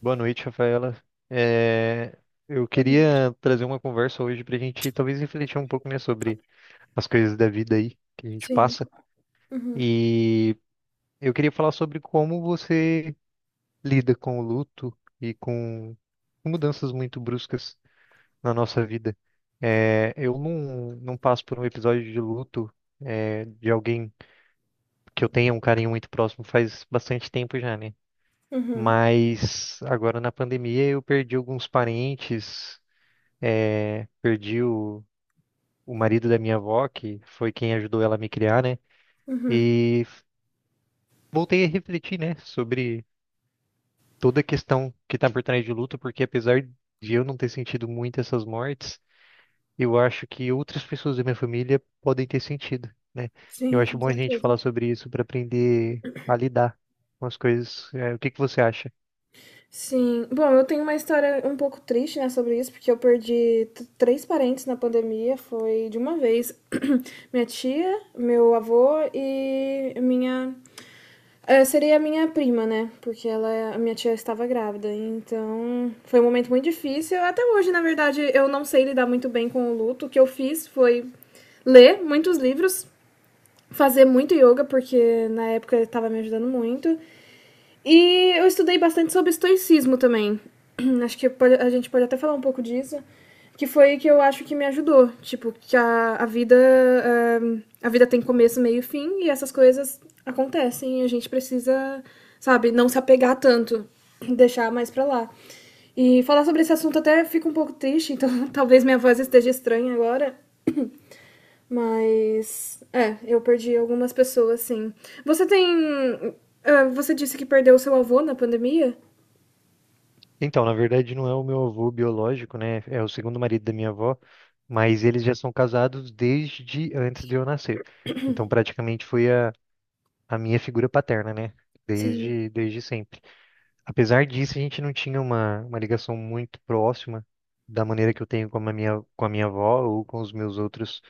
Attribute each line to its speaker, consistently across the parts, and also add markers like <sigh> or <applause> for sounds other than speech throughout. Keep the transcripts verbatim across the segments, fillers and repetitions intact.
Speaker 1: Boa noite, Rafaela. É, eu
Speaker 2: Exatamente.
Speaker 1: queria trazer uma conversa hoje para a gente talvez refletir um pouco, né, sobre as coisas da vida aí que a gente
Speaker 2: Sim.
Speaker 1: passa.
Speaker 2: Uhum,
Speaker 1: E eu queria falar sobre como você lida com o luto e com mudanças muito bruscas na nossa vida. É, eu não, não passo por um episódio de luto, é, de alguém que eu tenha um carinho muito próximo faz bastante tempo já, né?
Speaker 2: uhum,
Speaker 1: Mas agora na pandemia eu perdi alguns parentes, eh, perdi o, o marido da minha avó, que foi quem ajudou ela a me criar, né?
Speaker 2: uhum.
Speaker 1: E voltei a refletir, né, sobre toda a questão que está por trás de luto, porque apesar de eu não ter sentido muito essas mortes, eu acho que outras pessoas da minha família podem ter sentido, né? Eu
Speaker 2: Sim,
Speaker 1: acho
Speaker 2: com
Speaker 1: bom a gente
Speaker 2: certeza.
Speaker 1: falar sobre isso para aprender a lidar com as coisas. Eh, o que que você acha?
Speaker 2: Sim. Bom, eu tenho uma história um pouco triste, né, sobre isso, porque eu perdi t- três parentes na pandemia, foi de uma vez. <clears throat> Minha tia, meu avô e minha. eh, seria a minha prima, né? Porque ela, a minha tia estava grávida. Então, foi um momento muito difícil. Até hoje, na verdade, eu não sei lidar muito bem com o luto. O que eu fiz foi ler muitos livros, fazer muito yoga, porque na época estava me ajudando muito. E eu estudei bastante sobre estoicismo também. <clears throat> Acho que a gente pode até falar um pouco disso. Que foi que eu acho que me ajudou. Tipo, que a, a vida. eh, a vida tem começo, meio e fim, e essas coisas acontecem. E a gente precisa, sabe, não se apegar tanto, <clears throat> deixar mais pra lá. E falar sobre esse assunto até fica um pouco triste, <laughs> então talvez minha voz esteja estranha agora. <clears throat> Mas. É, eu perdi algumas pessoas, sim. Você tem. ah, Você disse que perdeu o seu avô na pandemia?
Speaker 1: Então, na verdade, não é o meu avô biológico, né? É o segundo marido da minha avó, mas eles já são casados desde antes de eu nascer. Então, praticamente foi a, a minha figura paterna, né?
Speaker 2: Sim.
Speaker 1: Desde, desde sempre. Apesar disso, a gente não tinha uma, uma ligação muito próxima da maneira que eu tenho com a minha, com a minha avó ou com os meus outros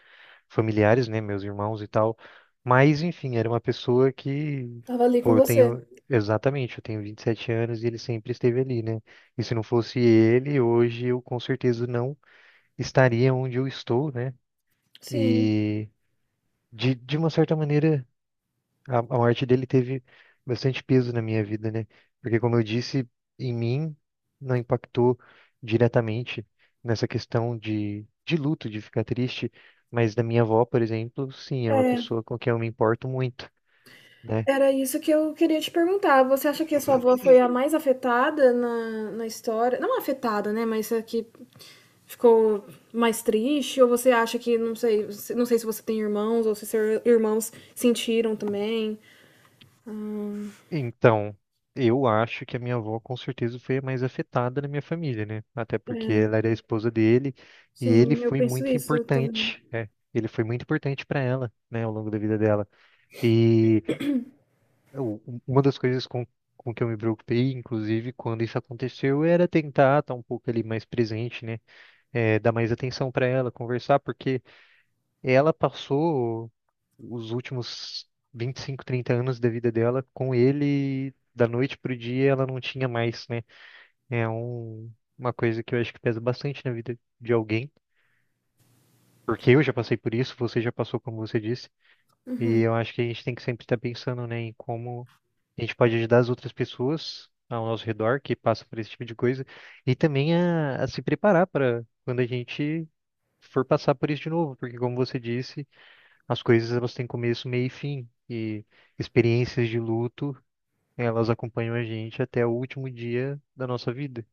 Speaker 1: familiares, né, meus irmãos e tal. Mas, enfim, era uma pessoa que,
Speaker 2: Tava ali com
Speaker 1: pô, eu
Speaker 2: você.
Speaker 1: tenho, exatamente, eu tenho vinte e sete anos e ele sempre esteve ali, né? E se não fosse ele, hoje eu com certeza não estaria onde eu estou, né?
Speaker 2: Sim.
Speaker 1: E, de, de uma certa maneira, a, a morte dele teve bastante peso na minha vida, né? Porque, como eu disse, em mim não impactou diretamente nessa questão de, de luto, de ficar triste, mas da minha avó, por exemplo, sim, é uma
Speaker 2: É,
Speaker 1: pessoa com quem eu me importo muito, né?
Speaker 2: era isso que eu queria te perguntar. Você acha que a sua avó foi a mais afetada na, na história? Não afetada, né? Mas a que ficou mais triste? Ou você acha que, não sei, você- não sei se você tem irmãos ou se seus irmãos sentiram também?
Speaker 1: Então, eu acho que a minha avó com certeza foi a mais afetada na minha família, né? Até
Speaker 2: É,
Speaker 1: porque ela era a esposa dele e ele
Speaker 2: sim, eu
Speaker 1: foi
Speaker 2: penso
Speaker 1: muito
Speaker 2: isso também.
Speaker 1: importante, né? Ele foi muito importante para ela, né, ao longo da vida dela. E eu- uma das coisas com, com que eu me preocupei, inclusive, quando isso aconteceu, era tentar estar um pouco ali mais presente, né? É, dar mais atenção para ela, conversar, porque ela passou os últimos vinte e cinco, trinta anos da vida dela com ele, da noite pro dia, ela não tinha mais, né? É um, uma coisa que eu acho que pesa bastante na vida de alguém. Porque eu já passei por isso, você já passou, como você disse, e
Speaker 2: Uhum.
Speaker 1: eu acho que a gente tem que sempre estar pensando, né, em como a gente pode ajudar as outras pessoas ao nosso redor que passam por esse tipo de coisa e também a, a se preparar para quando a gente for passar por isso de novo, porque como você disse, as coisas elas têm começo, meio e fim, e experiências de luto, elas acompanham a gente até o último dia da nossa vida.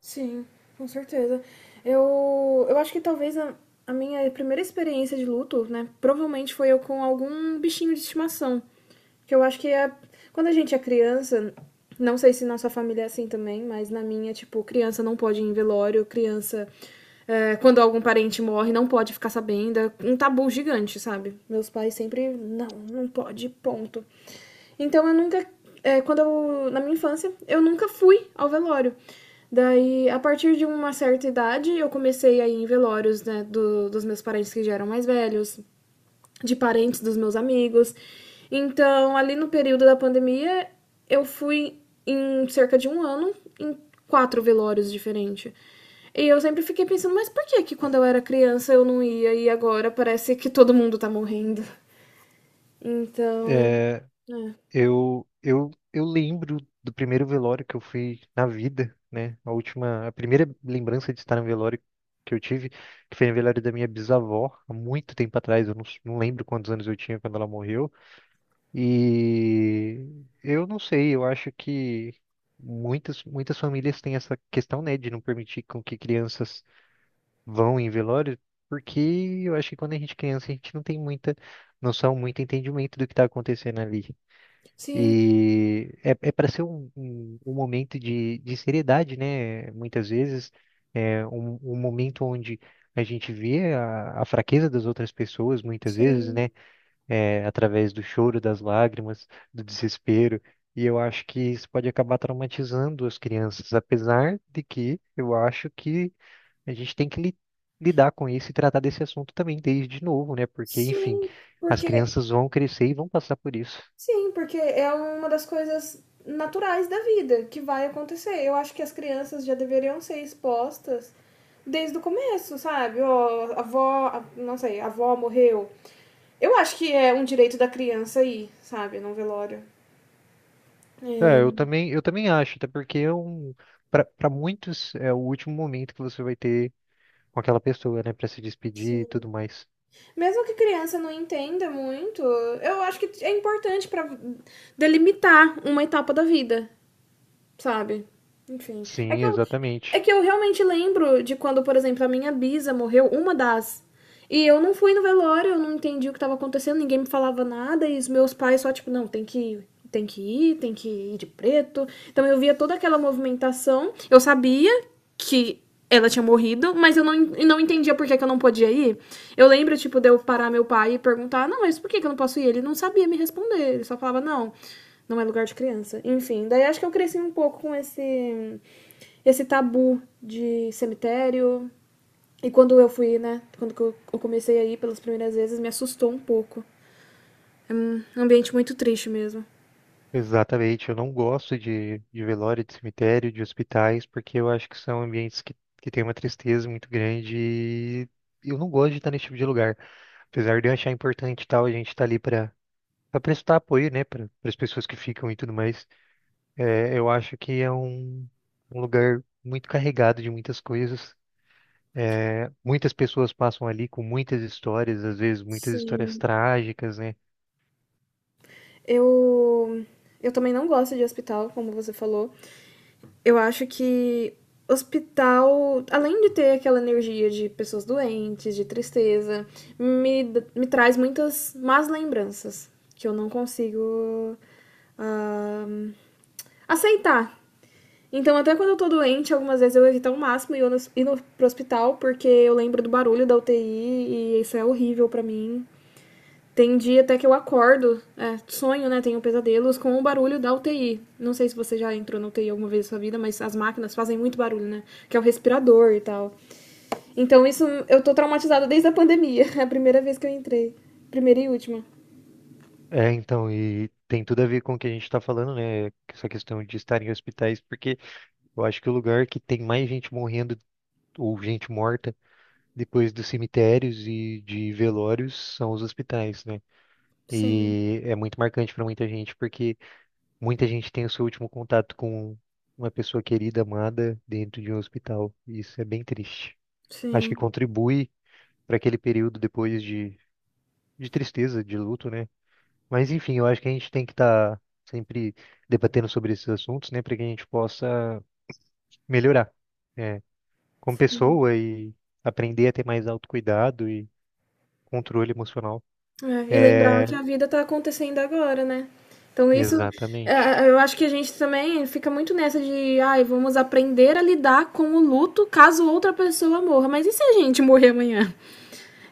Speaker 2: Sim, com certeza. Eu, eu acho que talvez a, a minha primeira experiência de luto, né, provavelmente foi eu com algum bichinho de estimação. Que eu acho que é. Quando a gente é criança, não sei se na sua família é assim também, mas na minha, tipo, criança não pode ir em velório, criança, é, quando algum parente morre, não pode ficar sabendo. É um tabu gigante, sabe? Meus pais sempre, não, não pode, ponto. Então eu nunca. É, quando eu. Na minha infância, eu nunca fui ao velório. Daí, a partir de uma certa idade, eu comecei a ir em velórios, né? do- dos meus parentes que já eram mais velhos, de parentes dos meus amigos. Então, ali no período da pandemia, eu fui em cerca de um ano em quatro velórios diferentes. E eu sempre fiquei pensando, mas por que que quando eu era criança eu não ia e agora parece que todo mundo tá morrendo? Então, é.
Speaker 1: Eu, eu, eu lembro do primeiro velório que eu fui na vida, né? A última, a primeira lembrança de estar no velório que eu tive, que foi no velório da minha bisavó, há muito tempo atrás, eu não, s- não lembro quantos anos eu tinha quando ela morreu. E eu não sei, eu acho que muitas, muitas famílias têm essa questão, né, de não permitir com que crianças vão em velório, porque eu acho que quando a gente é criança, a gente não tem muita noção, muito entendimento do que está acontecendo ali.
Speaker 2: Sim,
Speaker 1: E é, é para ser um, um, um momento de, de seriedade, né? Muitas vezes, é um, um momento onde a gente vê a, a fraqueza das outras pessoas, muitas vezes, né?
Speaker 2: Sim,
Speaker 1: É, através do choro, das lágrimas, do desespero. E eu acho que isso pode acabar traumatizando as crianças, apesar de que eu acho que a gente tem que li- lidar com isso e tratar desse assunto também desde novo, né? Porque, enfim,
Speaker 2: sim,
Speaker 1: as
Speaker 2: porque
Speaker 1: crianças vão crescer e vão passar por isso.
Speaker 2: sim, porque é uma das coisas naturais da vida que vai acontecer. Eu acho que as crianças já deveriam ser expostas desde o começo, sabe? Ó, a avó, a- não sei, a avó morreu. Eu acho que é um direito da criança ir, sabe, num velório.
Speaker 1: É, eu
Speaker 2: É,
Speaker 1: também, eu também acho, até porque é um, para muitos é o último momento que você vai ter com aquela pessoa, né, para se despedir e
Speaker 2: sim.
Speaker 1: tudo mais.
Speaker 2: Mesmo que criança não entenda muito, eu acho que é importante pra delimitar uma etapa da vida. Sabe? Enfim. É
Speaker 1: Sim,
Speaker 2: que eu, é
Speaker 1: exatamente.
Speaker 2: que eu realmente lembro de quando, por exemplo, a minha bisa morreu, uma das. E eu não fui no velório, eu não entendi o que estava acontecendo, ninguém me falava nada, e os meus pais só, tipo, não, tem que ir, tem que ir, tem que ir de preto. Então eu via toda aquela movimentação, eu sabia que ela tinha morrido, mas eu não, en- não entendia por que, que eu não podia ir. Eu lembro, tipo, de eu parar meu pai e perguntar, não, mas por que, que eu não posso ir? Ele não sabia me responder, ele só falava, não, não é lugar de criança. Enfim, daí acho que eu cresci um pouco com esse esse tabu de cemitério. E quando eu fui, né, quando eu- comecei a ir pelas primeiras vezes, me assustou um pouco. É um ambiente muito triste mesmo.
Speaker 1: Exatamente. Eu não gosto de, de velório, de cemitério, de hospitais, porque eu acho que são ambientes que, que têm uma tristeza muito grande e eu não gosto de estar nesse tipo de lugar. Apesar de eu achar importante e tal, a gente tá ali para para prestar apoio, né, para as pessoas que ficam e tudo mais. É, eu acho que é um, um lugar muito carregado de muitas coisas. É, muitas pessoas passam ali com muitas histórias, às vezes muitas histórias
Speaker 2: Sim.
Speaker 1: trágicas, né?
Speaker 2: Eu eu também não gosto de hospital, como você falou. Eu acho que hospital, além de ter aquela energia de pessoas doentes, de tristeza, me, me traz muitas más lembranças que eu não consigo ah, aceitar. Então, até quando eu tô doente, algumas vezes eu evito ao máximo ir, no, ir no, pro hospital, porque eu lembro do barulho da U T I e isso é horrível para mim. Tem dia até que eu acordo, é, sonho, né? Tenho pesadelos com o barulho da U T I. Não sei se você já entrou na U T I alguma vez na sua vida, mas as máquinas fazem muito barulho, né? Que é o respirador e tal. Então, isso eu tô traumatizada desde a pandemia. <laughs> É a primeira vez que eu entrei. Primeira e última.
Speaker 1: É, então, e tem tudo a ver com o que a gente está falando, né? Essa questão de estar em hospitais, porque eu acho que o lugar que tem mais gente morrendo ou gente morta depois dos cemitérios e de velórios são os hospitais, né?
Speaker 2: Sim,
Speaker 1: E é muito marcante para muita gente, porque muita gente tem o seu último contato com uma pessoa querida, amada, dentro de um hospital. E isso é bem triste. Acho que
Speaker 2: sim,
Speaker 1: contribui para aquele período depois de, de tristeza, de luto, né? Mas enfim, eu acho que a gente tem que estar sempre debatendo sobre esses assuntos, né? Para que a gente possa melhorar, né? Como
Speaker 2: sim.
Speaker 1: pessoa e aprender a ter mais autocuidado e controle emocional.
Speaker 2: É, e lembrar
Speaker 1: É,
Speaker 2: que a vida tá acontecendo agora, né? Então isso, é,
Speaker 1: exatamente,
Speaker 2: é, eu acho que a gente também fica muito nessa de, ai, vamos aprender a lidar com o luto caso outra pessoa morra. Mas e se a gente morrer amanhã?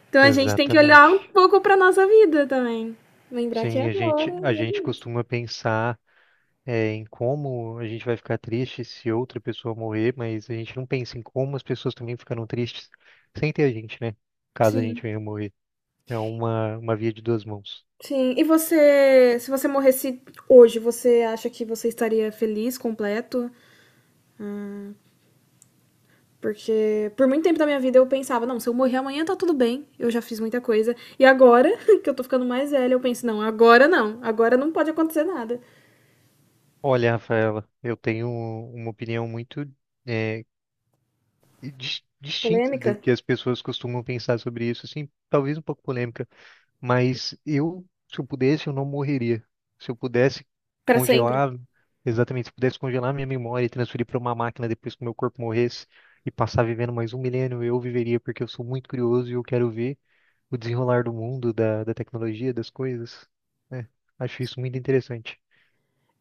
Speaker 2: Então a gente tem que olhar um
Speaker 1: exatamente.
Speaker 2: pouco para nossa vida também. Lembrar que é
Speaker 1: Sim, a
Speaker 2: agora.
Speaker 1: gente, a
Speaker 2: E
Speaker 1: gente
Speaker 2: é isso.
Speaker 1: costuma pensar é, em como a gente vai ficar triste se outra pessoa morrer, mas a gente não pensa em como as pessoas também ficaram tristes sem ter a gente, né? Caso a gente
Speaker 2: Sim,
Speaker 1: venha morrer. É uma, uma via de duas mãos.
Speaker 2: sim. E você, se você morresse hoje, você acha que você estaria feliz, completo? Porque por muito tempo da minha vida eu pensava, não, se eu morrer amanhã tá tudo bem, eu já fiz muita coisa. E agora, <laughs> que eu tô ficando mais velha, eu penso, não, agora não, agora não pode acontecer nada.
Speaker 1: Olha, Rafaela, eu tenho uma opinião muito é, dis- distinta
Speaker 2: Polêmica?
Speaker 1: do que as pessoas costumam pensar sobre isso, assim, talvez um pouco polêmica. Mas eu, se eu pudesse, eu não morreria. Se eu pudesse
Speaker 2: Pra sempre.
Speaker 1: congelar, exatamente, se eu pudesse congelar minha memória e transferir para uma máquina depois que o meu corpo morresse e passar vivendo mais um milênio, eu viveria, porque eu sou muito curioso e eu quero ver o desenrolar do mundo, da, da tecnologia, das coisas. Né? Acho isso muito interessante.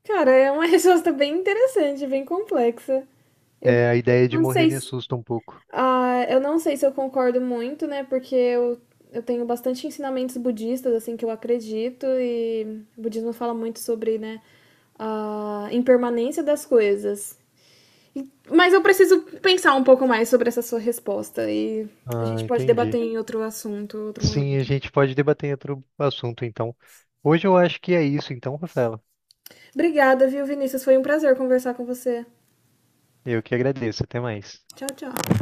Speaker 2: Cara, é uma <laughs> resposta bem interessante, bem complexa. Eu
Speaker 1: É, a ideia de
Speaker 2: não
Speaker 1: morrer
Speaker 2: sei
Speaker 1: me
Speaker 2: se.
Speaker 1: assusta um pouco.
Speaker 2: Ah, eu não sei se eu concordo muito, né? Porque eu, eu tenho bastante ensinamentos budistas, assim, que eu acredito, e o budismo fala muito sobre, né, a impermanência das coisas. Mas eu preciso pensar um pouco mais sobre essa sua resposta e a
Speaker 1: Ah,
Speaker 2: gente pode debater
Speaker 1: entendi.
Speaker 2: em outro assunto, outro momento.
Speaker 1: Sim, a gente pode debater outro assunto, então. Hoje eu acho que é isso, então, Rafaela.
Speaker 2: Obrigada, viu, Vinícius? Foi um prazer conversar com você.
Speaker 1: Eu que agradeço. Até mais.
Speaker 2: Tchau, tchau.